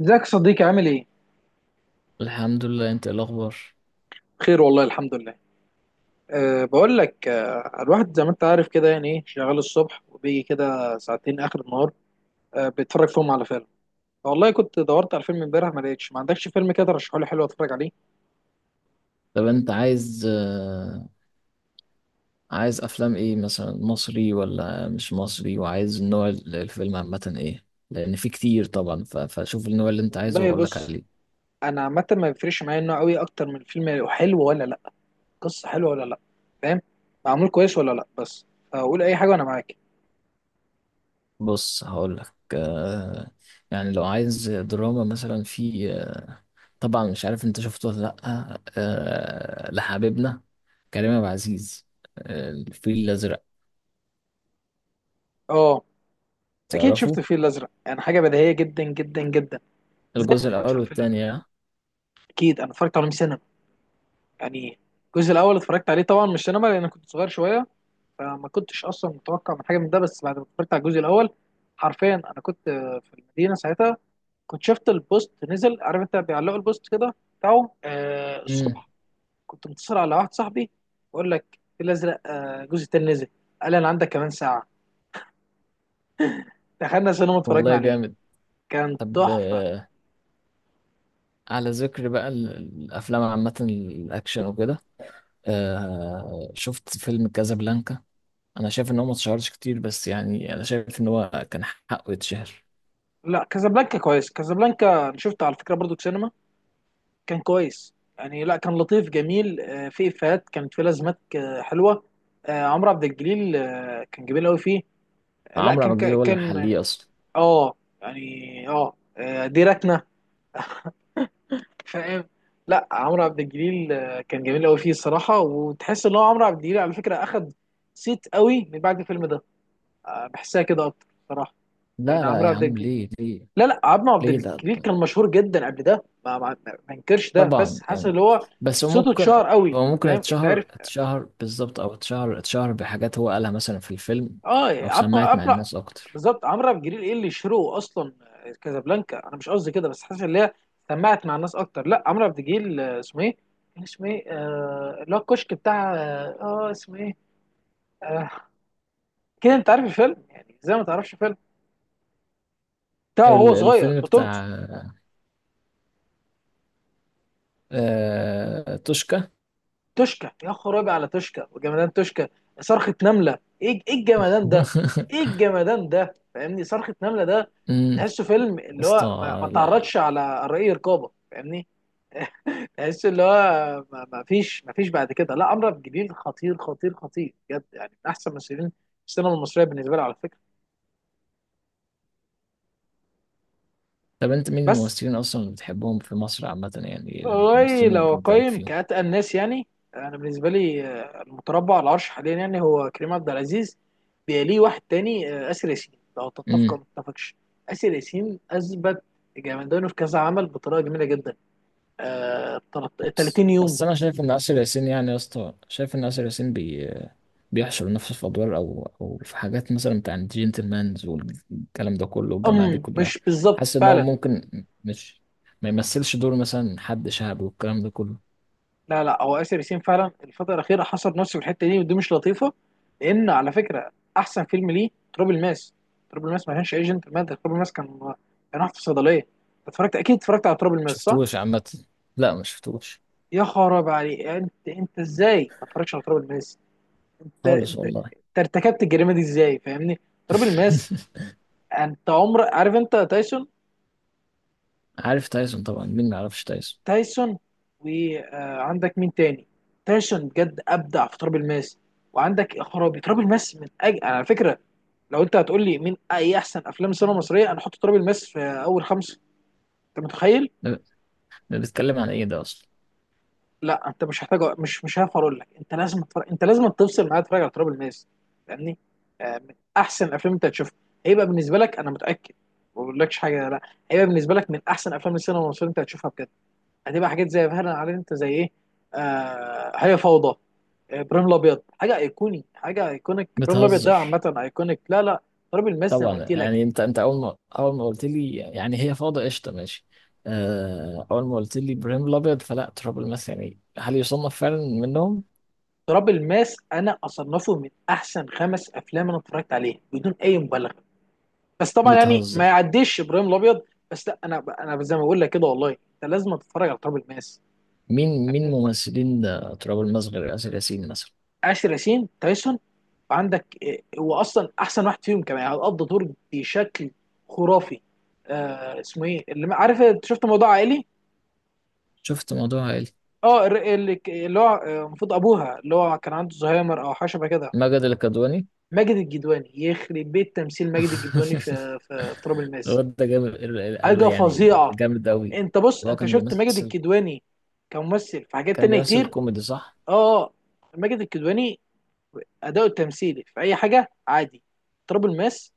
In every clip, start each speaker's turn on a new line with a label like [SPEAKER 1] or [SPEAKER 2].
[SPEAKER 1] ازيك يا صديقي عامل ايه؟
[SPEAKER 2] الحمد لله. انت ايه الاخبار؟
[SPEAKER 1] بخير والله الحمد لله. بقول لك الواحد زي ما انت عارف كده يعني ايه شغال الصبح وبيجي كده ساعتين اخر النهار. بيتفرج فيهم على فيلم. والله كنت دورت على فيلم امبارح ما لقيتش، ما عندكش فيلم كده ترشحه لي حلو اتفرج عليه؟
[SPEAKER 2] طب انت عايز عايز افلام ايه مثلا، مصري ولا مش مصري؟ وعايز نوع الفيلم عامه ايه؟ لان في كتير طبعا، فشوف النوع اللي انت عايزه
[SPEAKER 1] والله
[SPEAKER 2] واقول لك
[SPEAKER 1] بص،
[SPEAKER 2] عليه.
[SPEAKER 1] انا عامة ما بيفرقش معايا النوع قوي اكتر من الفيلم حلو ولا لا، قصة حلوة ولا لا، فاهم؟ معمول كويس ولا لا، بس فقول اي حاجة وانا معاك.
[SPEAKER 2] بص هقول لك، يعني لو عايز دراما مثلا في طبعا مش عارف انت شفته ولا لا، لحبيبنا كريم عبد العزيز، الفيل الازرق.
[SPEAKER 1] اه، اكيد
[SPEAKER 2] تعرفه؟
[SPEAKER 1] شفت الفيل الازرق، يعني حاجة بديهية جدا جدا جدا. ازاي ما
[SPEAKER 2] الجزء
[SPEAKER 1] اتفرجتش
[SPEAKER 2] الاول
[SPEAKER 1] على الفيل الازرق؟
[SPEAKER 2] والثاني، اه.
[SPEAKER 1] اكيد انا اتفرجت عليه 100 سنة يعني. الجزء الاول اتفرجت عليه طبعا مش سينما لان كنت صغير شويه، فما كنتش اصلا متوقع من حاجه من ده. بس بعد ما اتفرجت على الجزء الاول حرفيا انا كنت في المدينه ساعتها، كنت شفت البوست نزل. عارف انت بيعلقوا البوست كده بتاعهم
[SPEAKER 2] امم.
[SPEAKER 1] الصبح. كنت متصل على واحد صاحبي، بقول لك في الازرق الجزء التاني نزل. قال لي انا عندك كمان ساعه. دخلنا سينما اتفرجنا
[SPEAKER 2] والله
[SPEAKER 1] عليه،
[SPEAKER 2] جامد.
[SPEAKER 1] كان
[SPEAKER 2] طب،
[SPEAKER 1] تحفه.
[SPEAKER 2] على ذكر بقى، الافلام عامه، الاكشن وكده، آه شفت فيلم كازابلانكا. انا شايف ان هو ما اتشهرش كتير، بس يعني انا شايف ان هو كان حقه يتشهر.
[SPEAKER 1] لا، كازابلانكا كويس. كازابلانكا انا شفته على فكره برضو في سينما. كان كويس يعني، لا كان لطيف جميل، في افيهات كانت، في لازمات حلوه. عمرو عبد الجليل كان جميل قوي فيه. لا
[SPEAKER 2] عمرو عبد
[SPEAKER 1] كان
[SPEAKER 2] الجليل هو اللي
[SPEAKER 1] كان
[SPEAKER 2] محليه اصلا.
[SPEAKER 1] اه يعني، ديرتنا، فاهم؟ لا، عمرو عبد الجليل كان جميل قوي فيه الصراحه، وتحس ان هو عمرو عبد الجليل على فكره اخد صيت قوي من بعد الفيلم ده. بحسها كده اكتر صراحه.
[SPEAKER 2] لا
[SPEAKER 1] يعني
[SPEAKER 2] لا
[SPEAKER 1] عمرو
[SPEAKER 2] يا
[SPEAKER 1] عبد
[SPEAKER 2] عم،
[SPEAKER 1] الجليل،
[SPEAKER 2] ليه؟ ليه؟
[SPEAKER 1] لا لا، عمرو عبد
[SPEAKER 2] ليه ده؟
[SPEAKER 1] الجليل كان مشهور جدا قبل ده، ما انكرش ده،
[SPEAKER 2] طبعا
[SPEAKER 1] بس حاسس
[SPEAKER 2] يعني
[SPEAKER 1] ان هو
[SPEAKER 2] بس هو
[SPEAKER 1] صوته
[SPEAKER 2] ممكن،
[SPEAKER 1] اتشهر قوي،
[SPEAKER 2] هو ممكن
[SPEAKER 1] فاهم؟ اتعرف؟
[SPEAKER 2] اتشهر، اتشهر بالظبط، او اتشهر اتشهر بحاجات هو قالها مثلا في الفيلم،
[SPEAKER 1] اه،
[SPEAKER 2] او
[SPEAKER 1] عمرو
[SPEAKER 2] سمعت مع
[SPEAKER 1] عمرو
[SPEAKER 2] الناس اكتر.
[SPEAKER 1] بالظبط، عمرو عبد الجليل ايه اللي شروه اصلا؟ كازابلانكا انا مش قصدي كده، بس حاسس ان هي سمعت مع الناس اكتر. لا، عمرو عبد الجليل اسمه ايه؟ كان اسمه ايه اللي هو الكشك بتاع، اسمه ايه آه، كده؟ انت عارف الفيلم، يعني ازاي ما تعرفش فيلم بتاعه هو صغير
[SPEAKER 2] الفيلم
[SPEAKER 1] بطولته؟
[SPEAKER 2] بتاع توشكا.
[SPEAKER 1] توشكا، يا خرابي على توشكا وجمدان توشكا. صرخة نملة، ايه الجمدان ده؟ ايه الجمدان ده؟ فاهمني؟ صرخة نملة ده
[SPEAKER 2] يا
[SPEAKER 1] تحسه فيلم اللي هو ما
[SPEAKER 2] اسطى لا.
[SPEAKER 1] تعرضش على رأي رقابة، فاهمني؟ تحس اللي هو ما فيش بعد كده، لا، اشرف جبير خطير خطير خطير بجد، يعني من احسن ممثلين السينما المصريه بالنسبه لي على فكره.
[SPEAKER 2] طب انت مين
[SPEAKER 1] بس
[SPEAKER 2] الممثلين اصلا اللي بتحبهم في مصر عامة؟ يعني
[SPEAKER 1] والله
[SPEAKER 2] الممثلين اللي
[SPEAKER 1] لو
[SPEAKER 2] انت ليك
[SPEAKER 1] اقيم
[SPEAKER 2] فيهم.
[SPEAKER 1] كاتقى الناس يعني، انا بالنسبه لي المتربع على العرش حاليا يعني هو كريم عبد العزيز. بيليه واحد تاني اسر ياسين لو تتفق
[SPEAKER 2] امم.
[SPEAKER 1] او ما تتفقش. اسر ياسين اثبت جامدانه في كذا عمل بطريقه جميله جدا، آه،
[SPEAKER 2] بس
[SPEAKER 1] 30 يوم.
[SPEAKER 2] انا شايف ان آسر ياسين، يعني يا اسطى شايف ان آسر ياسين بي... بيحشر نفسه في ادوار او او في حاجات مثلا بتاع الجنتلمانز والكلام ده كله والجماعة دي كلها.
[SPEAKER 1] مش بالظبط
[SPEAKER 2] حاسس ان هو
[SPEAKER 1] فعلا.
[SPEAKER 2] ممكن، مش، ما يمثلش دور مثلا حد شعبي والكلام ده كله.
[SPEAKER 1] لا لا، هو آسر ياسين فعلا الفترة الأخيرة حصر نفسه في الحتة دي، ودي مش لطيفة. لأن على فكرة أحسن فيلم ليه تراب الماس. تراب الماس ما كانش ايجنت مادة، تراب الماس كان واحد في صيدلية. اتفرجت، أكيد اتفرجت على تراب الماس صح؟
[SPEAKER 2] شفتوش عامة؟ لا ما شفتوش
[SPEAKER 1] يا خراب عليك! أنت إزاي ما اتفرجتش على تراب الماس؟ أنت
[SPEAKER 2] خالص
[SPEAKER 1] أنت
[SPEAKER 2] والله.
[SPEAKER 1] أنت ارتكبت الجريمة دي إزاي، فاهمني؟ تراب الماس. أنت عمر عارف أنت تايسون.
[SPEAKER 2] عارف تايسون؟ طبعا، مين ما يعرفش تايسون؟
[SPEAKER 1] تايسون، وعندك مين تاني؟ تايسون بجد أبدع في تراب الماس. وعندك يا خرابي تراب الماس من أجل، على فكرة لو انت هتقول لي مين اي احسن افلام السينما المصريه، انا احط تراب الماس في اول خمسه. انت متخيل؟
[SPEAKER 2] ده ده بيتكلم عن ايه ده اصلا؟
[SPEAKER 1] لا انت مش محتاج، مش هعرف اقول لك، انت لازم تتفرج، انت لازم تفصل معايا تتفرج على تراب الماس، فاهمني؟ من احسن افلام انت هتشوفها. هيبقى بالنسبه لك انا متاكد، ما بقولكش حاجه، لا، هيبقى بالنسبه لك من احسن افلام السينما المصريه انت هتشوفها بجد. هتبقى حاجات زي، فعلا عارف انت زي ايه، آه، هي فوضى، ابراهيم الابيض، حاجه ايقوني، حاجه ايكونيك. ابراهيم الابيض ده
[SPEAKER 2] بتهزر.
[SPEAKER 1] عامه ايكونيك، لا لا، تراب الماس زي ما
[SPEAKER 2] طبعا
[SPEAKER 1] قلت لك.
[SPEAKER 2] يعني انت انت اول ما اول ما قلت لي، يعني هي فاضة، قشطة ماشي. اول ما قلت لي ابراهيم الابيض فلا تراب الماس، يعني هل يصنف فعلا منهم؟
[SPEAKER 1] تراب الماس انا اصنفه من احسن خمس افلام انا اتفرجت عليها بدون اي مبالغه. بس طبعا يعني ما
[SPEAKER 2] بتهزر.
[SPEAKER 1] يعديش ابراهيم الابيض. بس لا، انا زي ما بقول لك كده، والله انت لازم تتفرج على تراب الماس،
[SPEAKER 2] مين مين
[SPEAKER 1] فاهمني؟
[SPEAKER 2] ممثلين ده تراب الماس غير آسر ياسين مثلا؟
[SPEAKER 1] آسر ياسين، تايسون، وعندك إيه، هو اصلا احسن واحد فيهم كمان يعني، قضى دور بشكل خرافي. آه اسمه ايه اللي عارف انت شفت موضوع عائلي؟
[SPEAKER 2] شفت موضوع عائلي.
[SPEAKER 1] اه، اللي هو المفروض ابوها اللي هو كان عنده زهايمر او حاجه شبه كده.
[SPEAKER 2] ماجد الكدواني.
[SPEAKER 1] ماجد الجدواني، يخرب بيت تمثيل ماجد الجدواني في في تراب الماس.
[SPEAKER 2] الواد ده جامد، قالوا
[SPEAKER 1] حاجه
[SPEAKER 2] يعني
[SPEAKER 1] فظيعه.
[SPEAKER 2] جامد قوي.
[SPEAKER 1] انت بص،
[SPEAKER 2] هو
[SPEAKER 1] انت
[SPEAKER 2] كان
[SPEAKER 1] شفت ماجد
[SPEAKER 2] بيمثل،
[SPEAKER 1] الكدواني كممثل في حاجات
[SPEAKER 2] كان
[SPEAKER 1] تانية
[SPEAKER 2] بيمثل
[SPEAKER 1] كتير؟
[SPEAKER 2] كوميدي صح؟
[SPEAKER 1] اه اه، ماجد الكدواني اداؤه التمثيلي في اي حاجه عادي، تراب الماس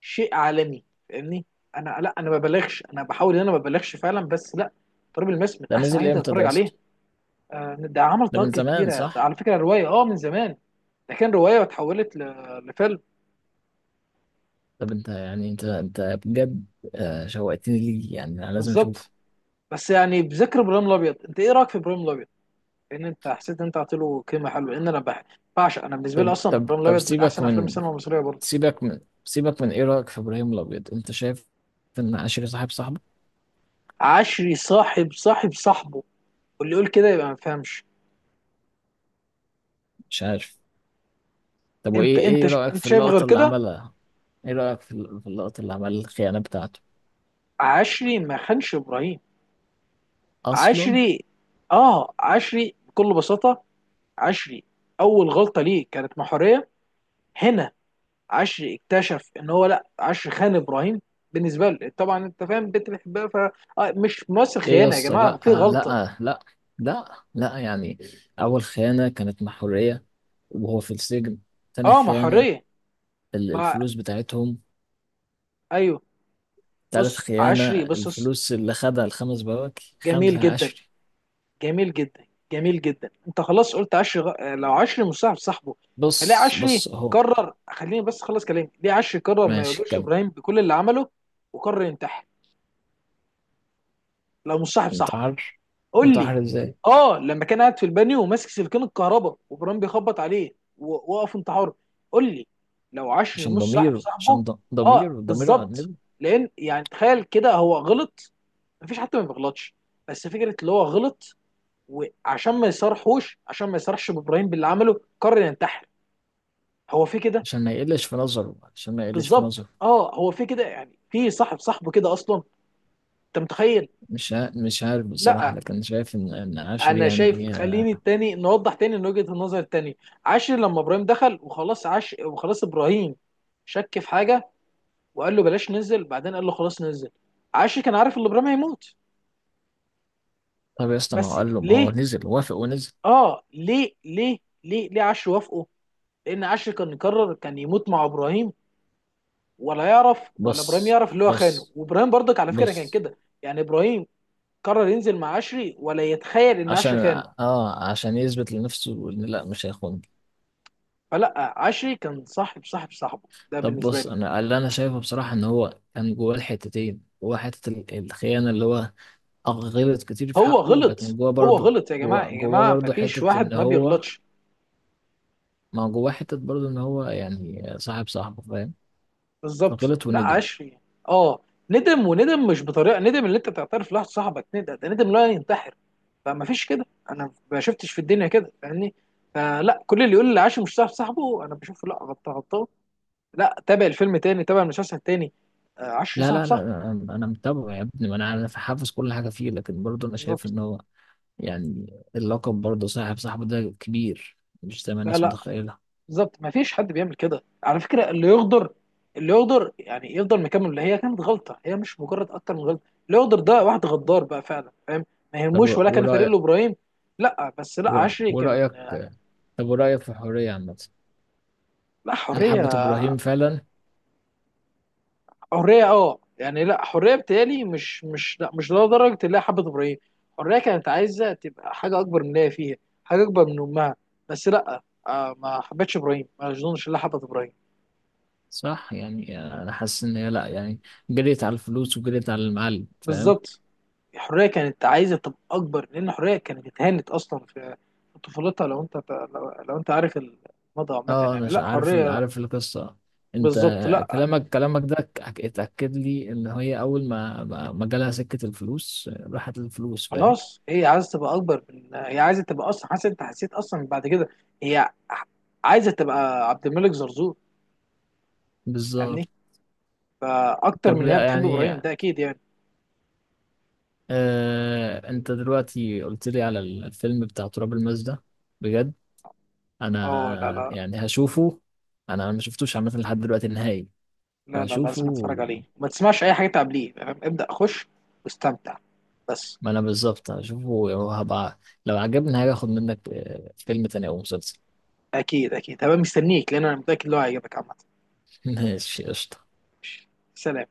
[SPEAKER 1] شيء عالمي، فاهمني؟ انا لا، انا ما ببالغش، انا بحاول ان انا ما ببالغش فعلا، بس لا، تراب الماس من
[SPEAKER 2] ده
[SPEAKER 1] احسن حاجه
[SPEAKER 2] نزل
[SPEAKER 1] انت
[SPEAKER 2] امتى ده
[SPEAKER 1] تتفرج
[SPEAKER 2] يا
[SPEAKER 1] عليها.
[SPEAKER 2] اسطى؟
[SPEAKER 1] ده عمل
[SPEAKER 2] ده من
[SPEAKER 1] ضجه
[SPEAKER 2] زمان
[SPEAKER 1] كبيره، ده
[SPEAKER 2] صح؟
[SPEAKER 1] على فكره روايه من زمان. ده كان روايه واتحولت لفيلم.
[SPEAKER 2] طب انت يعني، انت انت بجد شوقتني ليه، يعني انا لازم اشوف.
[SPEAKER 1] بالظبط، بس يعني بذكر ابراهيم الابيض، انت ايه رايك في ابراهيم الابيض؟ لان انت حسيت ان انت عطيت له قيمه حلوه، لان انا بعشق، انا بالنسبه لي
[SPEAKER 2] طب
[SPEAKER 1] اصلا
[SPEAKER 2] طب
[SPEAKER 1] ابراهيم
[SPEAKER 2] طب،
[SPEAKER 1] الابيض من
[SPEAKER 2] سيبك
[SPEAKER 1] احسن افلام
[SPEAKER 2] من،
[SPEAKER 1] السينما المصريه برضه.
[SPEAKER 2] سيبك من، ايه رايك في ابراهيم الابيض؟ انت شايف ان عشري صاحب صاحبه؟
[SPEAKER 1] عشري صاحب صاحبه، واللي يقول كده يبقى ما فهمش.
[SPEAKER 2] مش عارف. طب وايه، ايه رايك
[SPEAKER 1] انت
[SPEAKER 2] في
[SPEAKER 1] شايف غير
[SPEAKER 2] اللقطه اللي
[SPEAKER 1] كده؟
[SPEAKER 2] عملها؟ ايه رايك في في اللقطه اللي عمل الخيانه بتاعته
[SPEAKER 1] عشري ما خانش ابراهيم.
[SPEAKER 2] اصلا؟
[SPEAKER 1] عشري، اه، عشري بكل بساطه، عشري اول غلطه ليه كانت محوريه هنا. عشري اكتشف ان هو، لا، عشري خان ابراهيم بالنسبه له طبعا، انت فاهم، البنت بتحبها، ف مش ممثل
[SPEAKER 2] ايه يا
[SPEAKER 1] خيانه يا
[SPEAKER 2] اسطى،
[SPEAKER 1] جماعه،
[SPEAKER 2] لا.
[SPEAKER 1] في غلطه.
[SPEAKER 2] لا لا. لا لا يعني، اول خيانه كانت مع حريه وهو في السجن. تاني
[SPEAKER 1] اه، ما
[SPEAKER 2] خيانه
[SPEAKER 1] حريه، ما،
[SPEAKER 2] الفلوس بتاعتهم.
[SPEAKER 1] ايوه.
[SPEAKER 2] تالت
[SPEAKER 1] بص
[SPEAKER 2] خيانة
[SPEAKER 1] عشري، بص بص،
[SPEAKER 2] الفلوس اللي خدها الخمس بواكي
[SPEAKER 1] جميل
[SPEAKER 2] خمسة
[SPEAKER 1] جدا،
[SPEAKER 2] عشري.
[SPEAKER 1] جميل جدا، جميل جدا. انت خلاص قلت عشري غ... آه، لو عشري مصاحب صاحبه، فليه
[SPEAKER 2] بص
[SPEAKER 1] عشري
[SPEAKER 2] بص اهو.
[SPEAKER 1] قرر، خليني بس اخلص كلامي، ليه عشري قرر ما
[SPEAKER 2] ماشي
[SPEAKER 1] يواجهش
[SPEAKER 2] كمل.
[SPEAKER 1] ابراهيم بكل اللي عمله وقرر ينتحر لو مصاحب صاحبه؟
[SPEAKER 2] انتحر؟
[SPEAKER 1] قول لي.
[SPEAKER 2] انتحر ازاي؟
[SPEAKER 1] اه، لما كان قاعد في البانيو وماسك سلكين الكهرباء وبرام بيخبط عليه ووقف انتحاره، قول لي لو عشري
[SPEAKER 2] عشان
[SPEAKER 1] مش صاحب
[SPEAKER 2] ضميره،
[SPEAKER 1] صاحبه.
[SPEAKER 2] عشان
[SPEAKER 1] اه
[SPEAKER 2] ضميره، ضميره أنبه.
[SPEAKER 1] بالظبط، لان يعني تخيل كده، هو غلط، مفيش حد ما بيغلطش، بس فكره اللي هو غلط وعشان ما يصرحوش عشان ما يصرحش بابراهيم باللي عمله قرر ينتحر. هو في كده؟
[SPEAKER 2] عشان ما يقلش في نظره، عشان ما يقلش في
[SPEAKER 1] بالظبط،
[SPEAKER 2] نظره.
[SPEAKER 1] اه هو في كده، يعني في صاحب صاحبه كده اصلا، انت متخيل؟
[SPEAKER 2] مش عارف بصراحة،
[SPEAKER 1] لا
[SPEAKER 2] لكن شايف ان ان عشري
[SPEAKER 1] انا شايف،
[SPEAKER 2] يعني
[SPEAKER 1] خليني التاني نوضح تاني من وجهة النظر التاني. عاشر لما ابراهيم دخل وخلاص، عاش وخلاص، ابراهيم شك في حاجه وقال له بلاش ننزل بعدين، قال له خلاص ننزل. عاشر كان عارف ان ابراهيم هيموت.
[SPEAKER 2] طب يا اسطى، ما هو
[SPEAKER 1] بس
[SPEAKER 2] قال له، ما هو
[SPEAKER 1] ليه؟
[SPEAKER 2] نزل، وافق ونزل.
[SPEAKER 1] اه ليه، ليه ليه، ليه عاشر وافقه؟ لان عاشر كان يقرر كان يموت مع ابراهيم، ولا يعرف ولا ابراهيم
[SPEAKER 2] بص
[SPEAKER 1] يعرف اللي هو خانه.
[SPEAKER 2] بص
[SPEAKER 1] وابراهيم برضك على فكره كان
[SPEAKER 2] بص،
[SPEAKER 1] كده يعني، ابراهيم قرر ينزل مع عشري ولا يتخيل ان
[SPEAKER 2] عشان،
[SPEAKER 1] عشري خانه.
[SPEAKER 2] اه، عشان يثبت لنفسه ان لا، مش هيخون.
[SPEAKER 1] فلا، عشري كان صاحب صاحبه ده
[SPEAKER 2] طب
[SPEAKER 1] بالنسبه
[SPEAKER 2] بص،
[SPEAKER 1] لي.
[SPEAKER 2] انا اللي انا شايفه بصراحه ان هو كان جواه الحتتين. جواه حته الخيانه اللي هو غلط كتير في
[SPEAKER 1] هو
[SPEAKER 2] حقه،
[SPEAKER 1] غلط،
[SPEAKER 2] لكن جواه
[SPEAKER 1] هو
[SPEAKER 2] برضه،
[SPEAKER 1] غلط، يا جماعه
[SPEAKER 2] جواه
[SPEAKER 1] يا
[SPEAKER 2] جواه
[SPEAKER 1] جماعه، ما
[SPEAKER 2] برضه
[SPEAKER 1] فيش
[SPEAKER 2] حته
[SPEAKER 1] واحد
[SPEAKER 2] ان
[SPEAKER 1] ما
[SPEAKER 2] هو،
[SPEAKER 1] بيغلطش.
[SPEAKER 2] ما جواه حته برضه ان هو يعني صاحب صاحبه، فاهم؟
[SPEAKER 1] بالظبط،
[SPEAKER 2] فغلط
[SPEAKER 1] لا،
[SPEAKER 2] وندم.
[SPEAKER 1] عشري، اه، ندم، وندم مش بطريقه ندم اللي انت تعترف لواحد صاحبك. ندم ده ندم لا، ينتحر. فما فيش كده، انا ما شفتش في الدنيا كده، فاهمني؟ فلا، كل اللي يقول لي عاشر مش صاحب صاحبه انا بشوفه لا، غلطان غلطان. لا، تابع الفيلم تاني، تابع المسلسل تاني، عشري
[SPEAKER 2] لا
[SPEAKER 1] صاحب
[SPEAKER 2] لا لا،
[SPEAKER 1] صاحبه.
[SPEAKER 2] انا أنا متابعه يا ابني، ما انا انا حافظ كل حاجه فيه، لكن برضه انا شايف
[SPEAKER 1] بالظبط،
[SPEAKER 2] ان هو يعني اللقب برضه، صاحب صاحبه ده كبير، مش زي ما
[SPEAKER 1] لا
[SPEAKER 2] الناس
[SPEAKER 1] لا،
[SPEAKER 2] متخيله.
[SPEAKER 1] بالظبط ما فيش حد بيعمل كده على فكره. اللي يغدر، اللي يغدر يعني يفضل مكمل، اللي هي كانت غلطه هي، مش مجرد اكتر من غلطه، اللي يغدر ده واحد غدار بقى فعلا، فاهم؟ ما
[SPEAKER 2] طب
[SPEAKER 1] يهموش ولا كان فريق
[SPEAKER 2] ورايك،
[SPEAKER 1] ابراهيم. لا بس لا، عشري كان،
[SPEAKER 2] ورايك، طب ورايك في الحريه عامه،
[SPEAKER 1] لا،
[SPEAKER 2] هل حبة
[SPEAKER 1] حريه،
[SPEAKER 2] إبراهيم فعلا؟
[SPEAKER 1] حريه اه يعني، لا حريه بتالي مش، مش لا مش لدرجه اللي هي حبت ابراهيم. حريه كانت عايزه تبقى حاجه اكبر من اللي هي فيها، حاجه اكبر من امها، بس لا، آه ما حبتش ابراهيم ما اظنش اللي حبت ابراهيم.
[SPEAKER 2] صح، يعني انا حاسس ان هي لا يعني، جريت على الفلوس وجريت على المعلم، فاهم؟
[SPEAKER 1] بالظبط، الحريه كانت عايزه تبقى اكبر، لان الحريه كانت اتهانت اصلا في طفولتها. لو انت لو انت عارف الماضي عامه،
[SPEAKER 2] اه انا
[SPEAKER 1] يعني لا،
[SPEAKER 2] عارف
[SPEAKER 1] حريه.
[SPEAKER 2] عارف القصه. انت
[SPEAKER 1] بالظبط، لا
[SPEAKER 2] كلامك، كلامك ده اتاكد لي ان هي اول ما ما ما جالها سكه الفلوس، راحت الفلوس، فاهم؟
[SPEAKER 1] خلاص، هي عايزه تبقى اكبر من، هي عايزه تبقى اصلا، حاسس، انت حسيت اصلا بعد كده هي عايزه تبقى عبد الملك زرزور، فاهمني؟
[SPEAKER 2] بالظبط.
[SPEAKER 1] فاكتر
[SPEAKER 2] طب
[SPEAKER 1] من ان هي بتحب
[SPEAKER 2] يعني،
[SPEAKER 1] ابراهيم، ده اكيد يعني.
[SPEAKER 2] آه انت دلوقتي قلت لي على الفيلم بتاع تراب الماس ده بجد،
[SPEAKER 1] اه، لا
[SPEAKER 2] انا
[SPEAKER 1] لا،
[SPEAKER 2] يعني هشوفه. انا أنا ما شفتوش عامه لحد دلوقتي النهائي.
[SPEAKER 1] لا، لا
[SPEAKER 2] فهشوفه.
[SPEAKER 1] لازم اتفرج عليه وما تسمعش اي حاجه تعبليه، فاهم؟ ابدا، خش واستمتع بس.
[SPEAKER 2] ما انا بالظبط هشوفه، وهبقى لو عجبني هاجي اخد منك فيلم تاني او مسلسل.
[SPEAKER 1] اكيد اكيد، هبقى مستنيك، لان انا متاكد ان هو هيعجبك عامه.
[SPEAKER 2] ماشي قشطة.
[SPEAKER 1] سلام.